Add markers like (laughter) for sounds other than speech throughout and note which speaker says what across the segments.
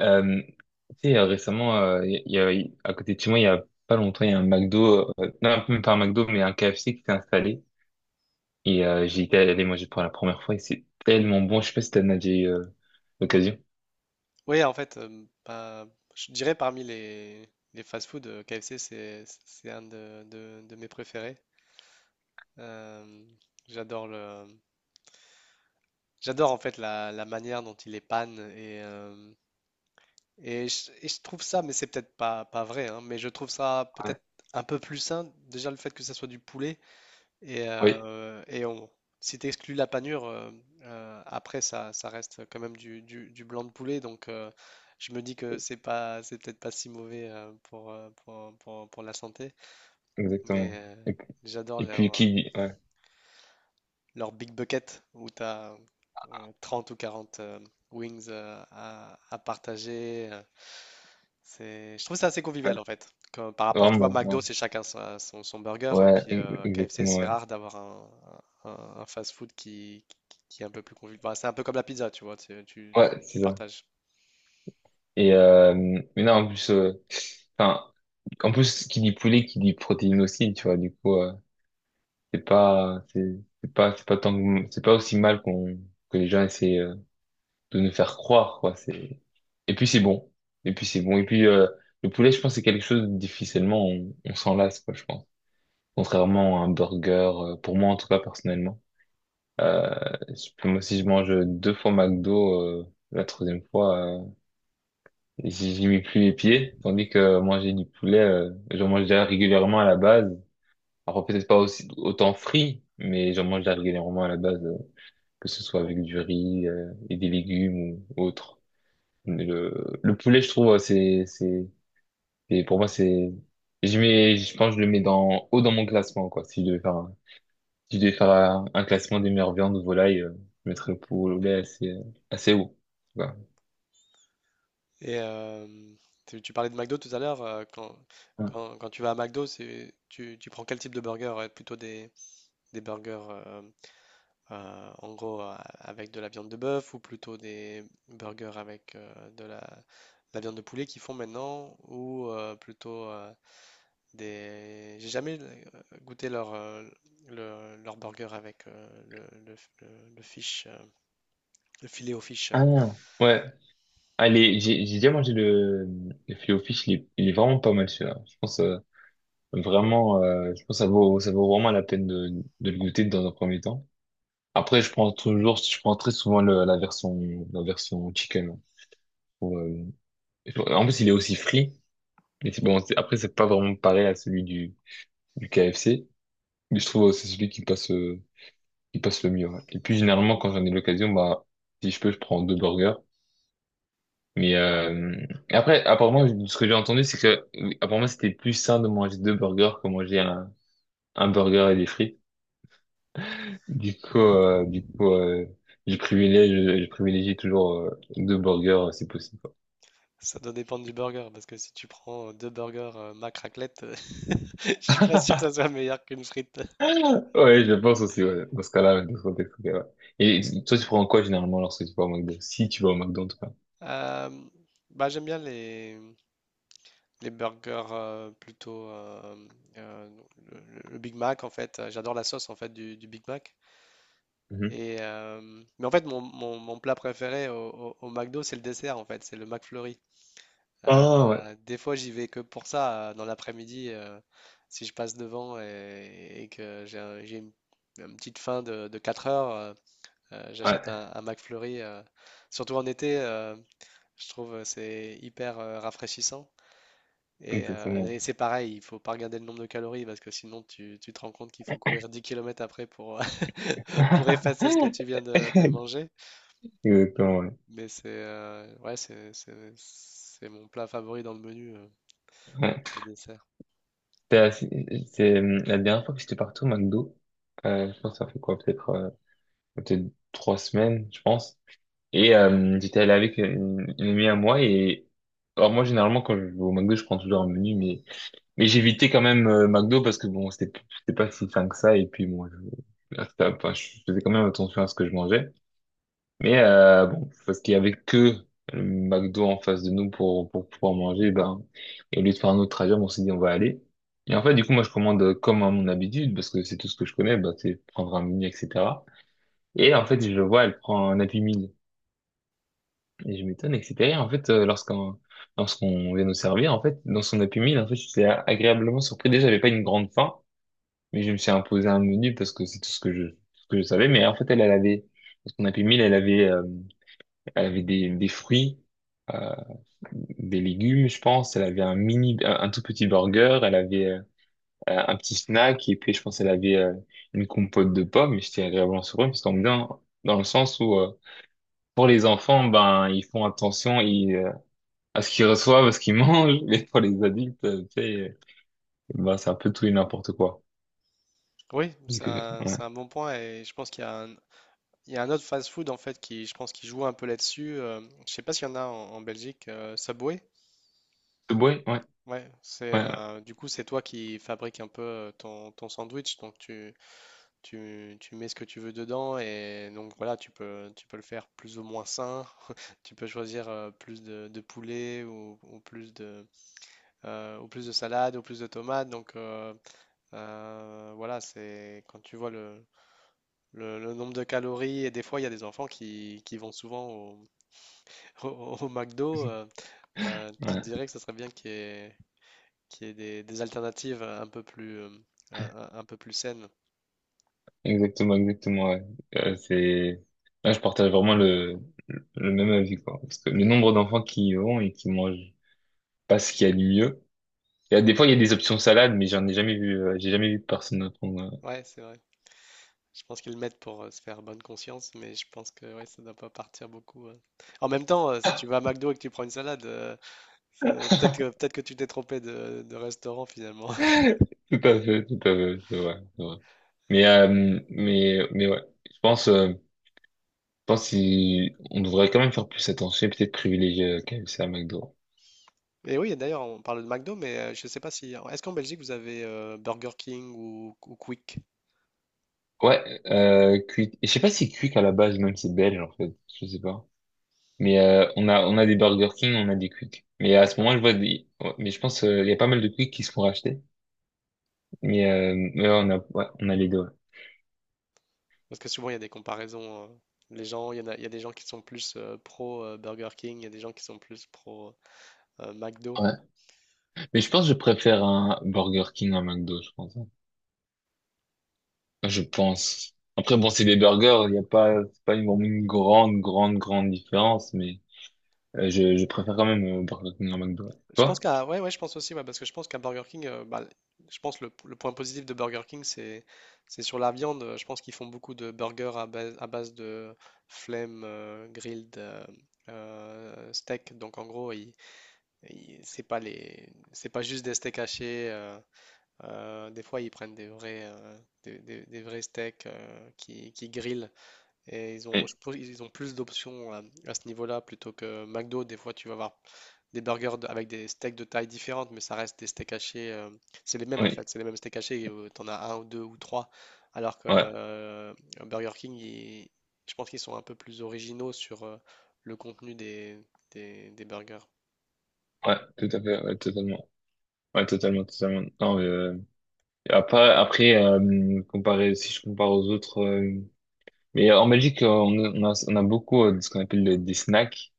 Speaker 1: Euh, tu sais, récemment, à côté de chez moi, il y a pas longtemps, il y a un McDo, non, même pas un McDo, mais un KFC qui s'est installé. Et j'y étais allé manger pour la première fois et c'est tellement bon. Je sais pas si t'as déjà eu l'occasion.
Speaker 2: Oui, en fait, je dirais parmi les fast-food, KFC, c'est un de mes préférés. Euh, j'adore le, j'adore en fait la manière dont il est panne et je trouve ça, mais c'est peut-être pas vrai, hein, mais je trouve ça
Speaker 1: Ouais.
Speaker 2: peut-être un peu plus sain. Déjà le fait que ça soit du poulet,
Speaker 1: Oui,
Speaker 2: et on, si tu exclues la panure, après ça, ça reste quand même du blanc de poulet. Je me dis que c'est pas, c'est peut-être pas si mauvais pour, pour la santé. Mais
Speaker 1: exactement.
Speaker 2: euh,
Speaker 1: Et puis,
Speaker 2: j'adore leur,
Speaker 1: ouais,
Speaker 2: Leur big bucket où tu as 30 ou 40 wings à partager. C'est, je trouve ça assez
Speaker 1: ouais,
Speaker 2: convivial en fait. Comme par rapport, tu vois,
Speaker 1: vraiment, ouais,
Speaker 2: McDo, c'est chacun son burger, et
Speaker 1: ouais,
Speaker 2: puis KFC,
Speaker 1: exactement,
Speaker 2: c'est
Speaker 1: ouais.
Speaker 2: rare d'avoir un fast-food qui est un peu plus convivial. Bah, c'est un peu comme la pizza, tu vois,
Speaker 1: Ouais,
Speaker 2: tu
Speaker 1: c'est ça.
Speaker 2: partages.
Speaker 1: Et mais non, en plus, enfin, en plus, qui dit poulet, qui dit protéines aussi, tu vois, du coup, c'est pas c'est c'est pas c'est pas aussi mal qu'on que les gens essaient de nous faire croire, quoi. C'est Et puis c'est bon, et puis le poulet, je pense, c'est quelque chose difficilement on s'en lasse, quoi, je pense. Contrairement à un burger, pour moi en tout cas, personnellement, euh, moi, si je mange deux fois McDo, la troisième fois, j'y mets plus les pieds, tandis que manger du poulet, j'en mange déjà régulièrement à la base. Alors peut-être pas aussi autant frit, mais j'en mange déjà régulièrement à la base. Que ce soit avec du riz, et des légumes ou autre. Mais le poulet, je trouve, pour moi, je mets, je pense, que je le mets haut dans mon classement, quoi. Si je devais faire un, si je devais faire un classement des meilleures viandes ou volailles, je mettrais le poulet assez haut. Voilà.
Speaker 2: Et euh, tu parlais de McDo tout à l'heure, quand tu vas à McDo, tu prends quel type de burger? Plutôt des burgers en gros avec de la viande de bœuf ou plutôt des burgers avec la viande de poulet qu'ils font maintenant ou plutôt des... J'ai jamais goûté leur burger avec le fish, le filet au fish.
Speaker 1: Ah, ouais. Allez, j'ai déjà mangé le filet au fish. Il est il est, vraiment pas mal, celui-là. Je pense, vraiment, je pense que ça vaut vraiment la peine de le goûter dans un premier temps. Après, je prends très souvent la version chicken. Pour, euh, En plus, il est aussi frit. Mais c'est bon, après, c'est pas vraiment pareil à celui du KFC. Mais je trouve que c'est celui qui passe le mieux. Ouais. Et puis, généralement, quand j'en ai l'occasion, bah, si je peux, je prends deux burgers. Mais euh, et après, apparemment, ce que j'ai entendu, c'est que, apparemment, c'était plus sain de manger deux burgers que manger un burger et des frites. Du coup, je privilégie toujours, deux burgers, si possible.
Speaker 2: Ça doit dépendre du burger parce que si tu prends deux burgers mac raclette, (laughs) je suis pas sûr que ça soit meilleur qu'une frite.
Speaker 1: Ouais, je pense aussi, ouais. Dans ce cas-là, dans ce contexte, ok, ouais. Et toi, tu prends quoi généralement lorsque tu vas au McDo? Si tu vas au McDo, en tout cas.
Speaker 2: Euh, Bah, les burgers euh, le Big Mac en fait. J'adore la sauce en fait du Big Mac.
Speaker 1: Mhm.
Speaker 2: Et euh, mais en fait mon plat préféré au McDo c'est le dessert en fait, c'est le McFlurry.
Speaker 1: Ah, ouais.
Speaker 2: Des fois j'y vais que pour ça dans l'après-midi, si je passe devant et que j'ai une petite faim de 4 heures, j'achète
Speaker 1: Ouais,
Speaker 2: un McFlurry. Surtout en été, je trouve c'est hyper rafraîchissant.
Speaker 1: exactement.
Speaker 2: Et c'est pareil, il faut pas regarder le nombre de calories parce que sinon tu, tu te rends compte qu'il faut courir 10 kilomètres après pour, (laughs) pour effacer ce que tu viens
Speaker 1: (laughs)
Speaker 2: de manger.
Speaker 1: Exactement, ouais.
Speaker 2: Mais c'est ouais, c'est mon plat favori dans le menu,
Speaker 1: Ouais.
Speaker 2: le dessert.
Speaker 1: C'était assez- C'est, la dernière fois que j'étais parti au McDo. Je pense que ça fait quoi? Peut-être trois semaines, je pense. Et j'étais allé avec une amie à moi. Et alors moi, généralement, quand je vais au McDo, je prends toujours un menu, mais... Mais j'évitais quand même, McDo, parce que bon, c'était pas si fin que ça, et puis bon, enfin, je faisais quand même attention à ce que je mangeais. Mais bon, parce qu'il y avait que le McDo en face de nous pour pouvoir manger, eh ben, et au lieu de faire un autre trajet, on s'est dit on va aller. Et en fait, du coup, moi je commande, comme à mon habitude, parce que c'est tout ce que je connais, ben, c'est prendre un menu, etc. Et en fait, je le vois, elle prend un Happy Meal, et je m'étonne, etc. Et en fait, lorsqu'on vient nous servir, en fait, dans son Happy Meal, en fait, j'étais agréablement surpris. Déjà, j'avais pas une grande faim. Mais je me suis imposé un menu parce que c'est tout ce ce que je savais. Mais en fait, dans son Happy Meal, elle avait des fruits, euh, des légumes, je pense. Elle avait un tout petit burger. Elle avait un petit snack. Et puis, je pense, elle avait, une compote de pommes. Et j'étais agréablement surpris, parce qu'en bien, dans le sens où, pour les enfants, ben, ils font attention, à ce qu'ils reçoivent, à ce qu'ils mangent. (laughs) Mais pour les adultes, tu sais, ben, c'est un peu tout et n'importe quoi.
Speaker 2: Oui, c'est
Speaker 1: Donc, ouais.
Speaker 2: c'est un bon point et je pense qu'il y a il y a un autre fast-food en fait qui, je pense, qui joue un peu là-dessus. Je sais pas s'il y en a en Belgique, Subway.
Speaker 1: Subway, ouais,
Speaker 2: Ouais, c'est
Speaker 1: ouais, ouais.
Speaker 2: du coup c'est toi qui fabrique un peu ton sandwich, donc tu, tu mets ce que tu veux dedans et donc voilà, tu peux le faire plus ou moins sain. (laughs) Tu peux choisir plus de poulet ou plus de salade ou plus de tomates. Voilà, c'est quand tu vois le nombre de calories et des fois il y a des enfants qui vont souvent au, (laughs) au, au McDo.
Speaker 1: (laughs)
Speaker 2: Tu te
Speaker 1: Ouais.
Speaker 2: dirais que ça serait bien qu'il y ait des alternatives un peu plus, un peu plus saines.
Speaker 1: Exactement, exactement, ouais. Euh, c'est, Là, je partage vraiment le même avis, quoi. Parce que le nombre d'enfants qui y vont et qui mangent pas ce qu'il y a de mieux. Des fois, il y a des options salades, mais j'ai jamais vu personne apprendre.
Speaker 2: Ouais, c'est vrai. Je pense qu'ils le mettent pour se faire bonne conscience, mais je pense que ouais, ça doit pas partir beaucoup. En même temps, si tu vas à McDo et que tu prends une salade, c'est peut-être que tu t'es trompé de restaurant finalement. (laughs)
Speaker 1: Tout à fait, c'est vrai, c'est vrai. Mais, euh, mais ouais. Je pense, on devrait quand même faire plus attention et peut-être privilégier, KFC à McDo.
Speaker 2: Et oui, et d'ailleurs, on parle de McDo, mais je sais pas si est-ce qu'en Belgique vous avez Burger King ou Quick?
Speaker 1: Ouais, cuit, et je sais pas si cuit à la base, même c'est belge, en fait. Je sais pas. Mais on a des Burger King, on a des Quick. Mais à ce
Speaker 2: D'accord.
Speaker 1: moment, je vois des. Ouais, mais je pense, il y a pas mal de Quick qui se font racheter. Mais ouais, on a les deux. Ouais.
Speaker 2: Parce que souvent il y a des comparaisons. Les gens, il y en a, il y a des gens qui sont plus pro Burger King, il y a des gens qui sont plus pro McDo.
Speaker 1: Ouais. Mais je pense que je préfère un Burger King à un McDo, je pense, hein. Enfin, je pense. Après bon, c'est des burgers, il y a pas c'est pas une grande grande grande différence, mais je préfère quand même, Burger King à McDo. Ouais.
Speaker 2: Je pense
Speaker 1: Toi?
Speaker 2: qu'à ouais, ouais, je pense aussi ouais, parce que je pense qu'à Burger King, bah, je pense le point positif de Burger King, c'est sur la viande. Je pense qu'ils font beaucoup de burgers à base de flame grilled steak. Donc en gros, c'est pas les c'est pas juste des steaks hachés. Des fois, ils prennent des vrais des vrais steaks qui grillent. Et ils ont,
Speaker 1: Oui.
Speaker 2: je pense, ils ont plus d'options à ce niveau-là plutôt que McDo. Des fois, tu vas avoir des burgers avec des steaks de taille différente, mais ça reste des steaks hachés. C'est les mêmes en
Speaker 1: Oui.
Speaker 2: fait, c'est les mêmes steaks hachés. T'en as un ou deux ou trois. Alors que
Speaker 1: Ouais.
Speaker 2: Burger King, je pense qu'ils sont un peu plus originaux sur le contenu des burgers.
Speaker 1: Ouais. Tout à fait. Ouais, totalement. Ouais, totalement, totalement. Non, mais, après, comparé, si je compare aux autres. Mais en Belgique, on a beaucoup, de ce qu'on appelle des snacks.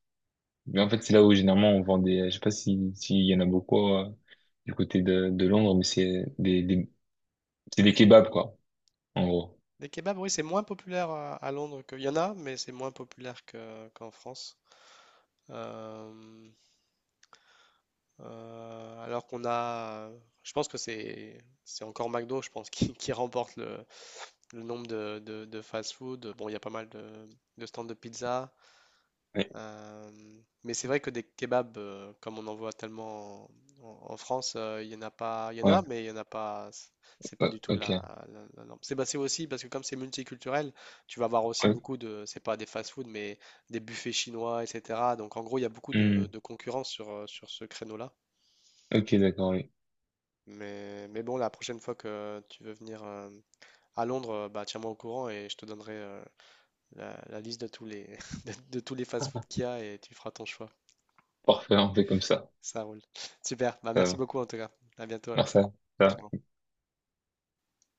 Speaker 1: Mais en fait, c'est là où généralement on vend des. Je sais pas si s'il y en a beaucoup, du côté de Londres, mais c'est des kebabs, quoi, en gros.
Speaker 2: Des kebabs, oui, c'est moins populaire à Londres qu'il y en a, mais c'est moins populaire qu'en France. Euh, Euh, alors qu'on a, je pense que c'est encore McDo, je pense, (laughs) qui remporte le nombre de fast-food. Bon, il y a pas mal de stands de pizza,
Speaker 1: Oui.
Speaker 2: euh, mais c'est vrai que des kebabs, comme on en voit tellement en, France, il y en a pas, il y en
Speaker 1: Ouais.
Speaker 2: a, mais il y en a pas. C'est pas
Speaker 1: Ouais,
Speaker 2: du tout
Speaker 1: ok.
Speaker 2: la norme. C'est bah, c'est aussi parce que comme c'est multiculturel, tu vas avoir aussi
Speaker 1: Ouais.
Speaker 2: beaucoup de, c'est pas des fast-food, mais des buffets chinois, etc. Donc en gros, il y a beaucoup
Speaker 1: Hmm.
Speaker 2: de concurrence sur sur ce créneau-là.
Speaker 1: Ok, d'accord. Oui.
Speaker 2: Mais bon, la prochaine fois que tu veux venir à Londres, bah, tiens-moi au courant et je te donnerai la liste de tous les, (laughs) de tous les fast-food qu'il y a et tu feras ton choix.
Speaker 1: Parfait. On fait comme ça.
Speaker 2: Ça roule. Super. Bah,
Speaker 1: Ça
Speaker 2: merci
Speaker 1: va.
Speaker 2: beaucoup en tout cas. À bientôt
Speaker 1: Merci.
Speaker 2: alors.
Speaker 1: Ça va.